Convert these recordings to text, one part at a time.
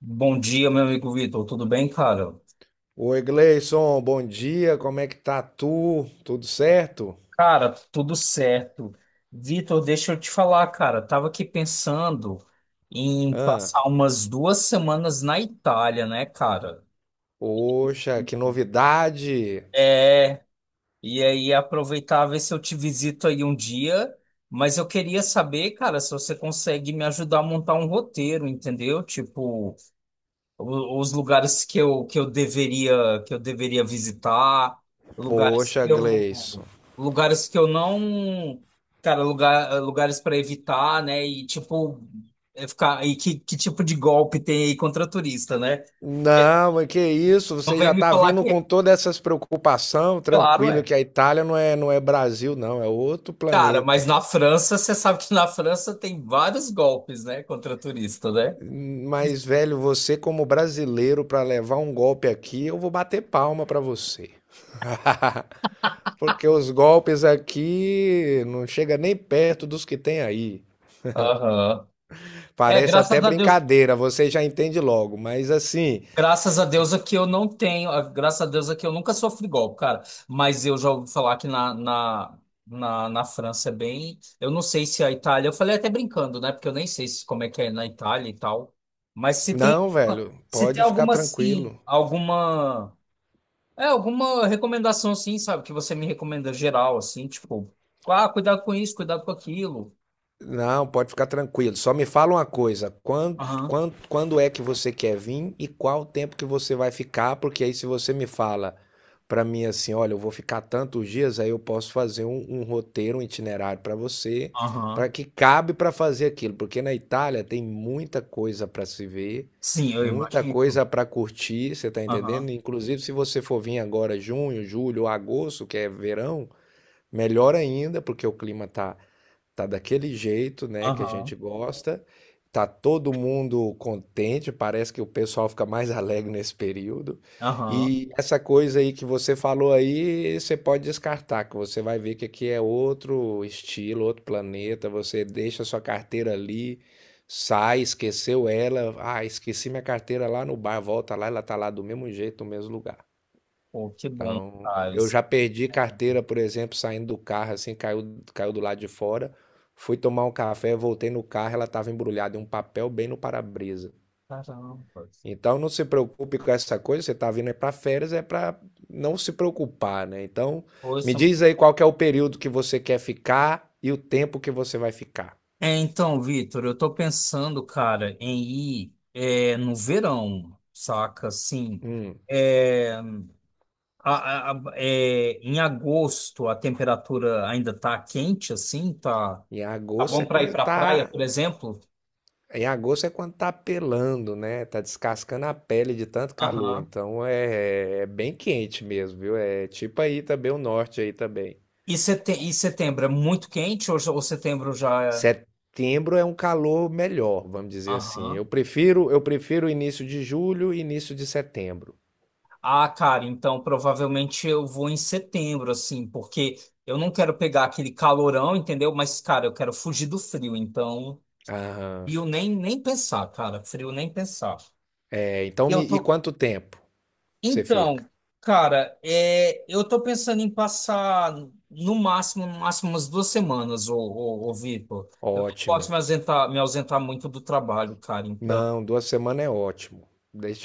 Bom dia, meu amigo Vitor. Tudo bem, cara? Oi, Gleison, bom dia, como é que tá tu? Tudo certo? Cara, tudo certo. Vitor, deixa eu te falar, cara. Tava aqui pensando em Ah, passar umas duas semanas na Itália, né, cara? poxa, que novidade! É, e aí aproveitar ver se eu te visito aí um dia. Mas eu queria saber, cara, se você consegue me ajudar a montar um roteiro, entendeu? Tipo. O- os lugares que eu deveria visitar, lugares Poxa, que eu Gleison. lugares que eu não, cara, lugares para evitar, né? E tipo é ficar e que tipo de golpe tem aí contra turista, né? Não, mas que isso, Não você já vem me tá falar vindo que é com todas essas preocupações, claro, tranquilo é. que a Itália não é Brasil, não, é outro Cara, mas planeta. na França, você sabe que na França tem vários golpes, né, contra turista, né? Mas, velho, você como brasileiro, pra levar um golpe aqui, eu vou bater palma pra você. Porque os golpes aqui não chega nem perto dos que tem aí. Aham. É, Parece até graças a Deus brincadeira, você já entende logo, mas assim, Graças a Deus aqui eu não tenho, ah, graças a Deus aqui eu nunca sofri golpe, cara. Mas eu já ouvi falar que na França é bem. Eu não sei se a Itália, eu falei até brincando, né? Porque eu nem sei se, como é que é na Itália e tal. Mas não, velho, se tem pode ficar alguma, assim, tranquilo. alguma. É, alguma recomendação, assim, sabe? Que você me recomenda geral, assim, tipo, ah, cuidado com isso, cuidado com aquilo. Não, pode ficar tranquilo. Só me fala uma coisa, quando, Aham, quando, quando é que você quer vir e qual o tempo que você vai ficar? Porque aí se você me fala para mim assim, olha, eu vou ficar tantos dias, aí eu posso fazer um roteiro, um itinerário para você, para aham. que cabe para fazer aquilo, porque na Itália tem muita coisa para se ver, Sim, eu muita imagino. coisa para curtir, você tá entendendo? Aham, Inclusive, se você for vir agora junho, julho, agosto, que é verão, melhor ainda, porque o clima tá daquele jeito, né, que a aham, gente gosta. Tá todo mundo contente, parece que o pessoal fica mais alegre nesse período. aham. E essa coisa aí que você falou aí, você pode descartar, que você vai ver que aqui é outro estilo, outro planeta. Você deixa sua carteira ali, sai, esqueceu ela. Ah, esqueci minha carteira lá no bar, volta lá, ela tá lá do mesmo jeito, no mesmo lugar. Pô, que bom, Então, cara. eu já perdi carteira, por exemplo, saindo do carro, assim, caiu, caiu do lado de fora. Fui tomar um café, voltei no carro, ela estava embrulhada em um papel bem no para-brisa. Caramba. Então, não se preocupe com essa coisa, você está vindo é para férias, é para não se preocupar, né? Então, me Ouça. diz aí qual que é o período que você quer ficar e o tempo que você vai ficar. É, então, Vitor, eu tô pensando, cara, em ir é, no verão, saca? Assim, Hum. é, em agosto a temperatura ainda tá quente, assim, tá, Em tá agosto bom é para ir quando pra praia, tá por exemplo? Em agosto é quando tá pelando, né? Tá descascando a pele de tanto calor. Aham. Então é, é bem quente mesmo, viu? É tipo aí também o norte aí também. E, setembro é muito quente ou, já- ou setembro já é? Setembro é um calor melhor, vamos dizer assim. Eu Aham. prefiro, eu prefiro início de julho e início de setembro. Ah, cara, então provavelmente eu vou em setembro, assim, porque eu não quero pegar aquele calorão, entendeu? Mas, cara, eu quero fugir do frio, então. E Aham. eu nem pensar, cara, frio nem pensar. É, então E eu e tô. quanto tempo você Então, fica? cara, é, eu tô pensando em passar no máximo umas duas semanas, ô Vitor. Eu não posso Ótimo. Me ausentar muito do trabalho, cara. Então Não, 2 semanas é ótimo.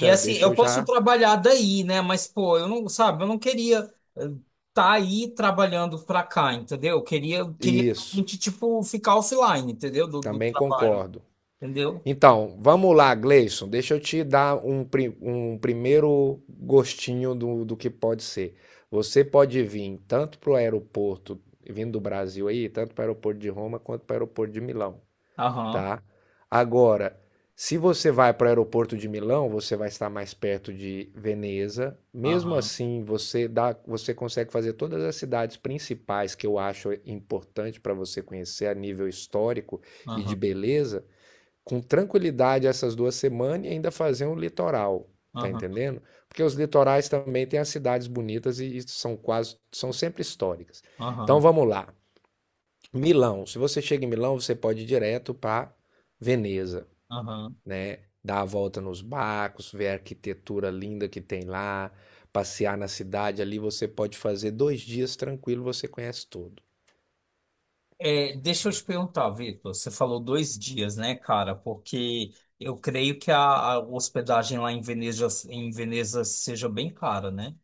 e assim, deixa eu eu posso já. trabalhar daí, né? Mas, pô, eu não, sabe, eu não queria estar tá aí trabalhando pra cá, entendeu? Eu queria Isso. realmente, tipo, ficar offline, entendeu? Do Também trabalho, concordo. entendeu? Então, vamos lá, Gleison. Deixa eu te dar um primeiro gostinho do que pode ser. Você pode vir tanto para o aeroporto, vindo do Brasil aí, tanto para o aeroporto de Roma quanto para o aeroporto de Milão, Aham, tá? Agora, se você vai para o aeroporto de Milão, você vai estar mais perto de Veneza. Mesmo aham, assim, você dá, você consegue fazer todas as cidades principais que eu acho importante para você conhecer a nível histórico e de aham, beleza com tranquilidade essas 2 semanas e ainda fazer um litoral, tá aham, entendendo? Porque os litorais também têm as cidades bonitas e são quase, são sempre históricas. Então aham, vamos lá. Milão. Se você chega em Milão, você pode ir direto para Veneza, aham. né? Dar a volta nos barcos, ver a arquitetura linda que tem lá, passear na cidade. Ali você pode fazer 2 dias tranquilo, você conhece tudo. É, deixa eu te perguntar, Vitor, você falou dois dias, né, cara? Porque eu creio que a hospedagem lá em Veneza seja bem cara, né?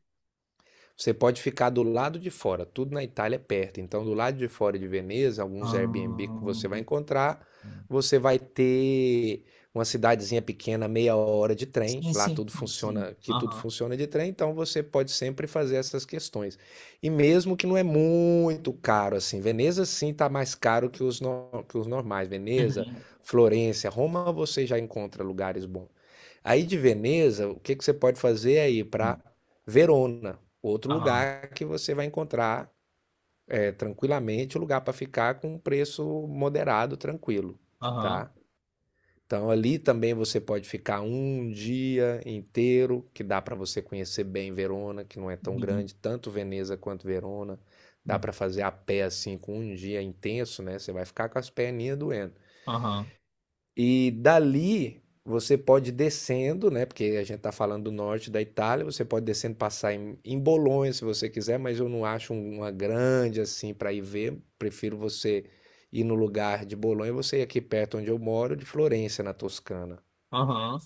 Você pode ficar do lado de fora, tudo na Itália é perto. Então, do lado de fora de Veneza, alguns Airbnb que Ahn. você vai encontrar, você vai ter uma cidadezinha pequena, meia hora de trem. Sim, Lá sim, tudo sim, sim. funciona, que tudo Aham. funciona de trem, então você pode sempre fazer essas questões. E mesmo que não é muito caro assim, Veneza sim está mais caro que os, no- que os normais. Veneza, Uhum. Florença, Roma, você já encontra lugares bons. Aí de Veneza, o que que você pode fazer é ir para Verona outro Aham, lugar que você vai encontrar é, tranquilamente, um lugar para ficar com um preço moderado, tranquilo, aham, tá? Então ali também você pode ficar um dia inteiro, que dá para você conhecer bem Verona, que não é tão uhum, grande, tanto Veneza quanto Verona. Dá uhum, para fazer a pé assim com um dia intenso, né? Você vai ficar com as perninhas doendo. aham, E dali você pode ir descendo, né? Porque a gente está falando do norte da Itália, você pode descendo passar em, Bolonha se você quiser, mas eu não acho uma grande assim para ir ver. Prefiro você ir no lugar de Bolonha, você ir aqui perto onde eu moro, de Florença, na Toscana. aham.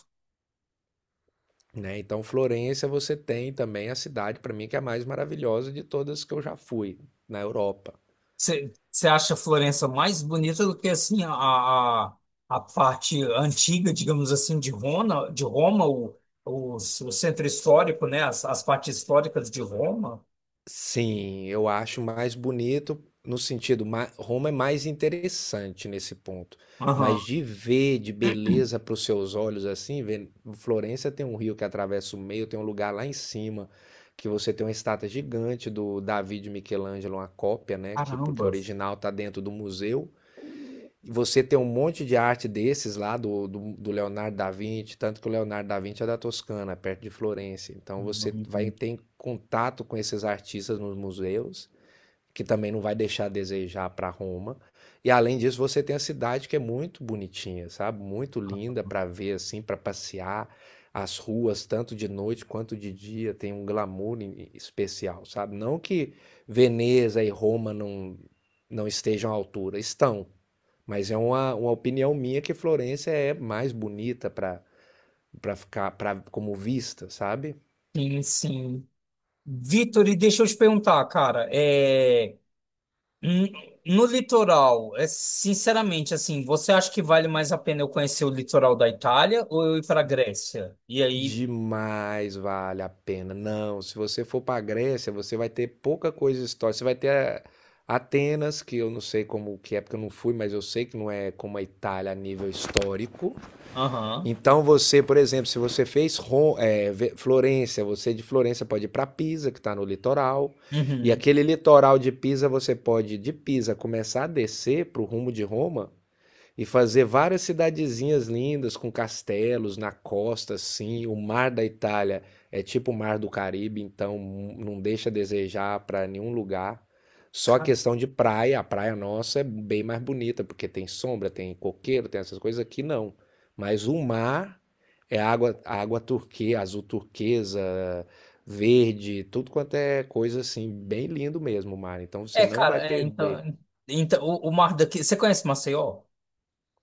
Né? Então, Florença você tem também a cidade, para mim, que é a mais maravilhosa de todas que eu já fui na Europa. Você acha Florença mais bonita do que assim a parte antiga, digamos assim, de Roma, o centro histórico, né? As partes históricas de Roma? Sim, eu acho mais bonito no sentido, ma Roma é mais interessante nesse ponto, Aham. mas de ver de beleza para os seus olhos, assim, ver Florença tem um rio que atravessa o meio, tem um lugar lá em cima que você tem uma estátua gigante do Davi de Michelangelo, uma cópia, né, que porque o Caramba. original está dentro do museu. Você tem um monte de arte desses lá do, do Leonardo da Vinci, tanto que o Leonardo da Vinci é da Toscana, perto de Florença. Então você vai Uhum. ter contato com esses artistas nos museus que também não vai deixar a desejar para Roma. E além disso, você tem a cidade que é muito bonitinha, sabe? Muito linda para ver assim, para passear. As ruas, tanto de noite quanto de dia, tem um glamour especial, sabe? Não que Veneza e Roma não estejam à altura, estão. Mas é uma opinião minha que Florença é mais bonita para ficar como vista, sabe? Sim, sim. Vitor, e deixa eu te perguntar, cara, é hum, no litoral, é, sinceramente, assim, você acha que vale mais a pena eu conhecer o litoral da Itália ou eu ir para Grécia? E aí, Demais vale a pena. Não, se você for para a Grécia, você vai ter pouca coisa histórica. Você vai ter Atenas, que eu não sei como que é, porque eu não fui, mas eu sei que não é como a Itália a nível histórico. aham, Então você, por exemplo, se você fez Florença, você de Florença pode ir para Pisa, que está no litoral. E uhum. aquele litoral de Pisa, você pode de Pisa começar a descer para o rumo de Roma e fazer várias cidadezinhas lindas com castelos na costa, assim. O mar da Itália é tipo o mar do Caribe, então não deixa a desejar para nenhum lugar. Só a Cara, questão de praia, a praia nossa é bem mais bonita, porque tem sombra, tem coqueiro, tem essas coisas aqui não. Mas o mar é água, água turquesa, azul turquesa, verde, tudo quanto é coisa assim, bem lindo mesmo o mar. Então você é, não vai cara, é, perder. então, então o mar daqui, você conhece Maceió?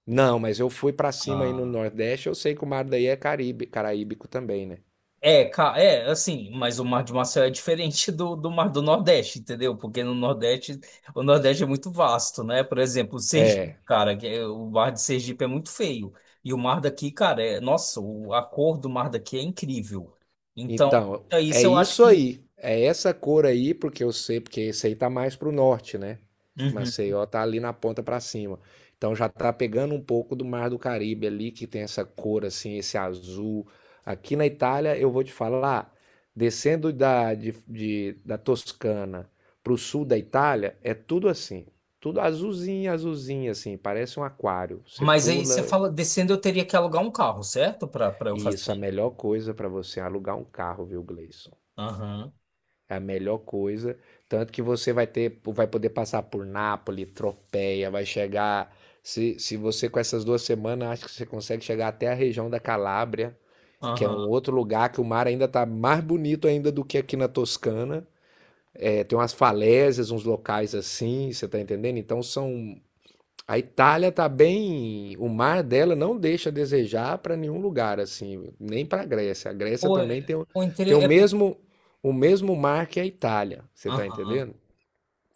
Não, mas eu fui pra cima aí no Ah, Nordeste, eu sei que o mar daí é Caribe, caraíbico também, né? é, assim, mas o Mar de Marcel é diferente do Mar do Nordeste, entendeu? Porque no Nordeste, o Nordeste é muito vasto, né? Por exemplo, o Sergipe, É. cara, o Mar de Sergipe é muito feio. E o mar daqui, cara, é, nossa, a cor do mar daqui é incrível. Então, Então, é é isso eu acho isso que. aí. É essa cor aí, porque eu sei, porque esse aí tá mais pro norte, né? Uhum. Maceió tá ali na ponta pra cima. Então já tá pegando um pouco do Mar do Caribe ali, que tem essa cor assim, esse azul. Aqui na Itália, eu vou te falar, descendo da Toscana pro sul da Itália, é tudo assim. Tudo azulzinho, azulzinho, assim, parece um aquário. Você Mas aí você pula, fala, descendo eu teria que alugar um carro, certo? Pra eu e fazer isso é a isso. melhor coisa pra você alugar um carro, viu, Gleison? Aham, É a melhor coisa. Tanto que você vai ter, vai poder passar por Nápoles, Tropea, vai chegar. Se você com essas 2 semanas, acho que você consegue chegar até a região da Calábria, que é um aham. outro lugar que o mar ainda tá mais bonito ainda do que aqui na Toscana. É, tem umas falésias, uns locais assim, você tá entendendo? Então são a Itália tá bem, o mar dela não deixa a desejar para nenhum lugar assim, nem para a Grécia. A Grécia Ou é, também tem, ou tem inter- o é por- mesmo o mesmo mar que a Itália, você tá Aham. entendendo?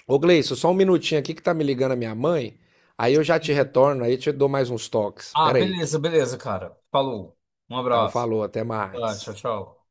Ô Gleison, só um minutinho aqui que tá me ligando a minha mãe, aí eu já te retorno, aí eu te dou mais uns toques. Ah, Pera aí. Beleza, cara. Falou. Um Então abraço. falou, até Tá, tchau, mais. tchau.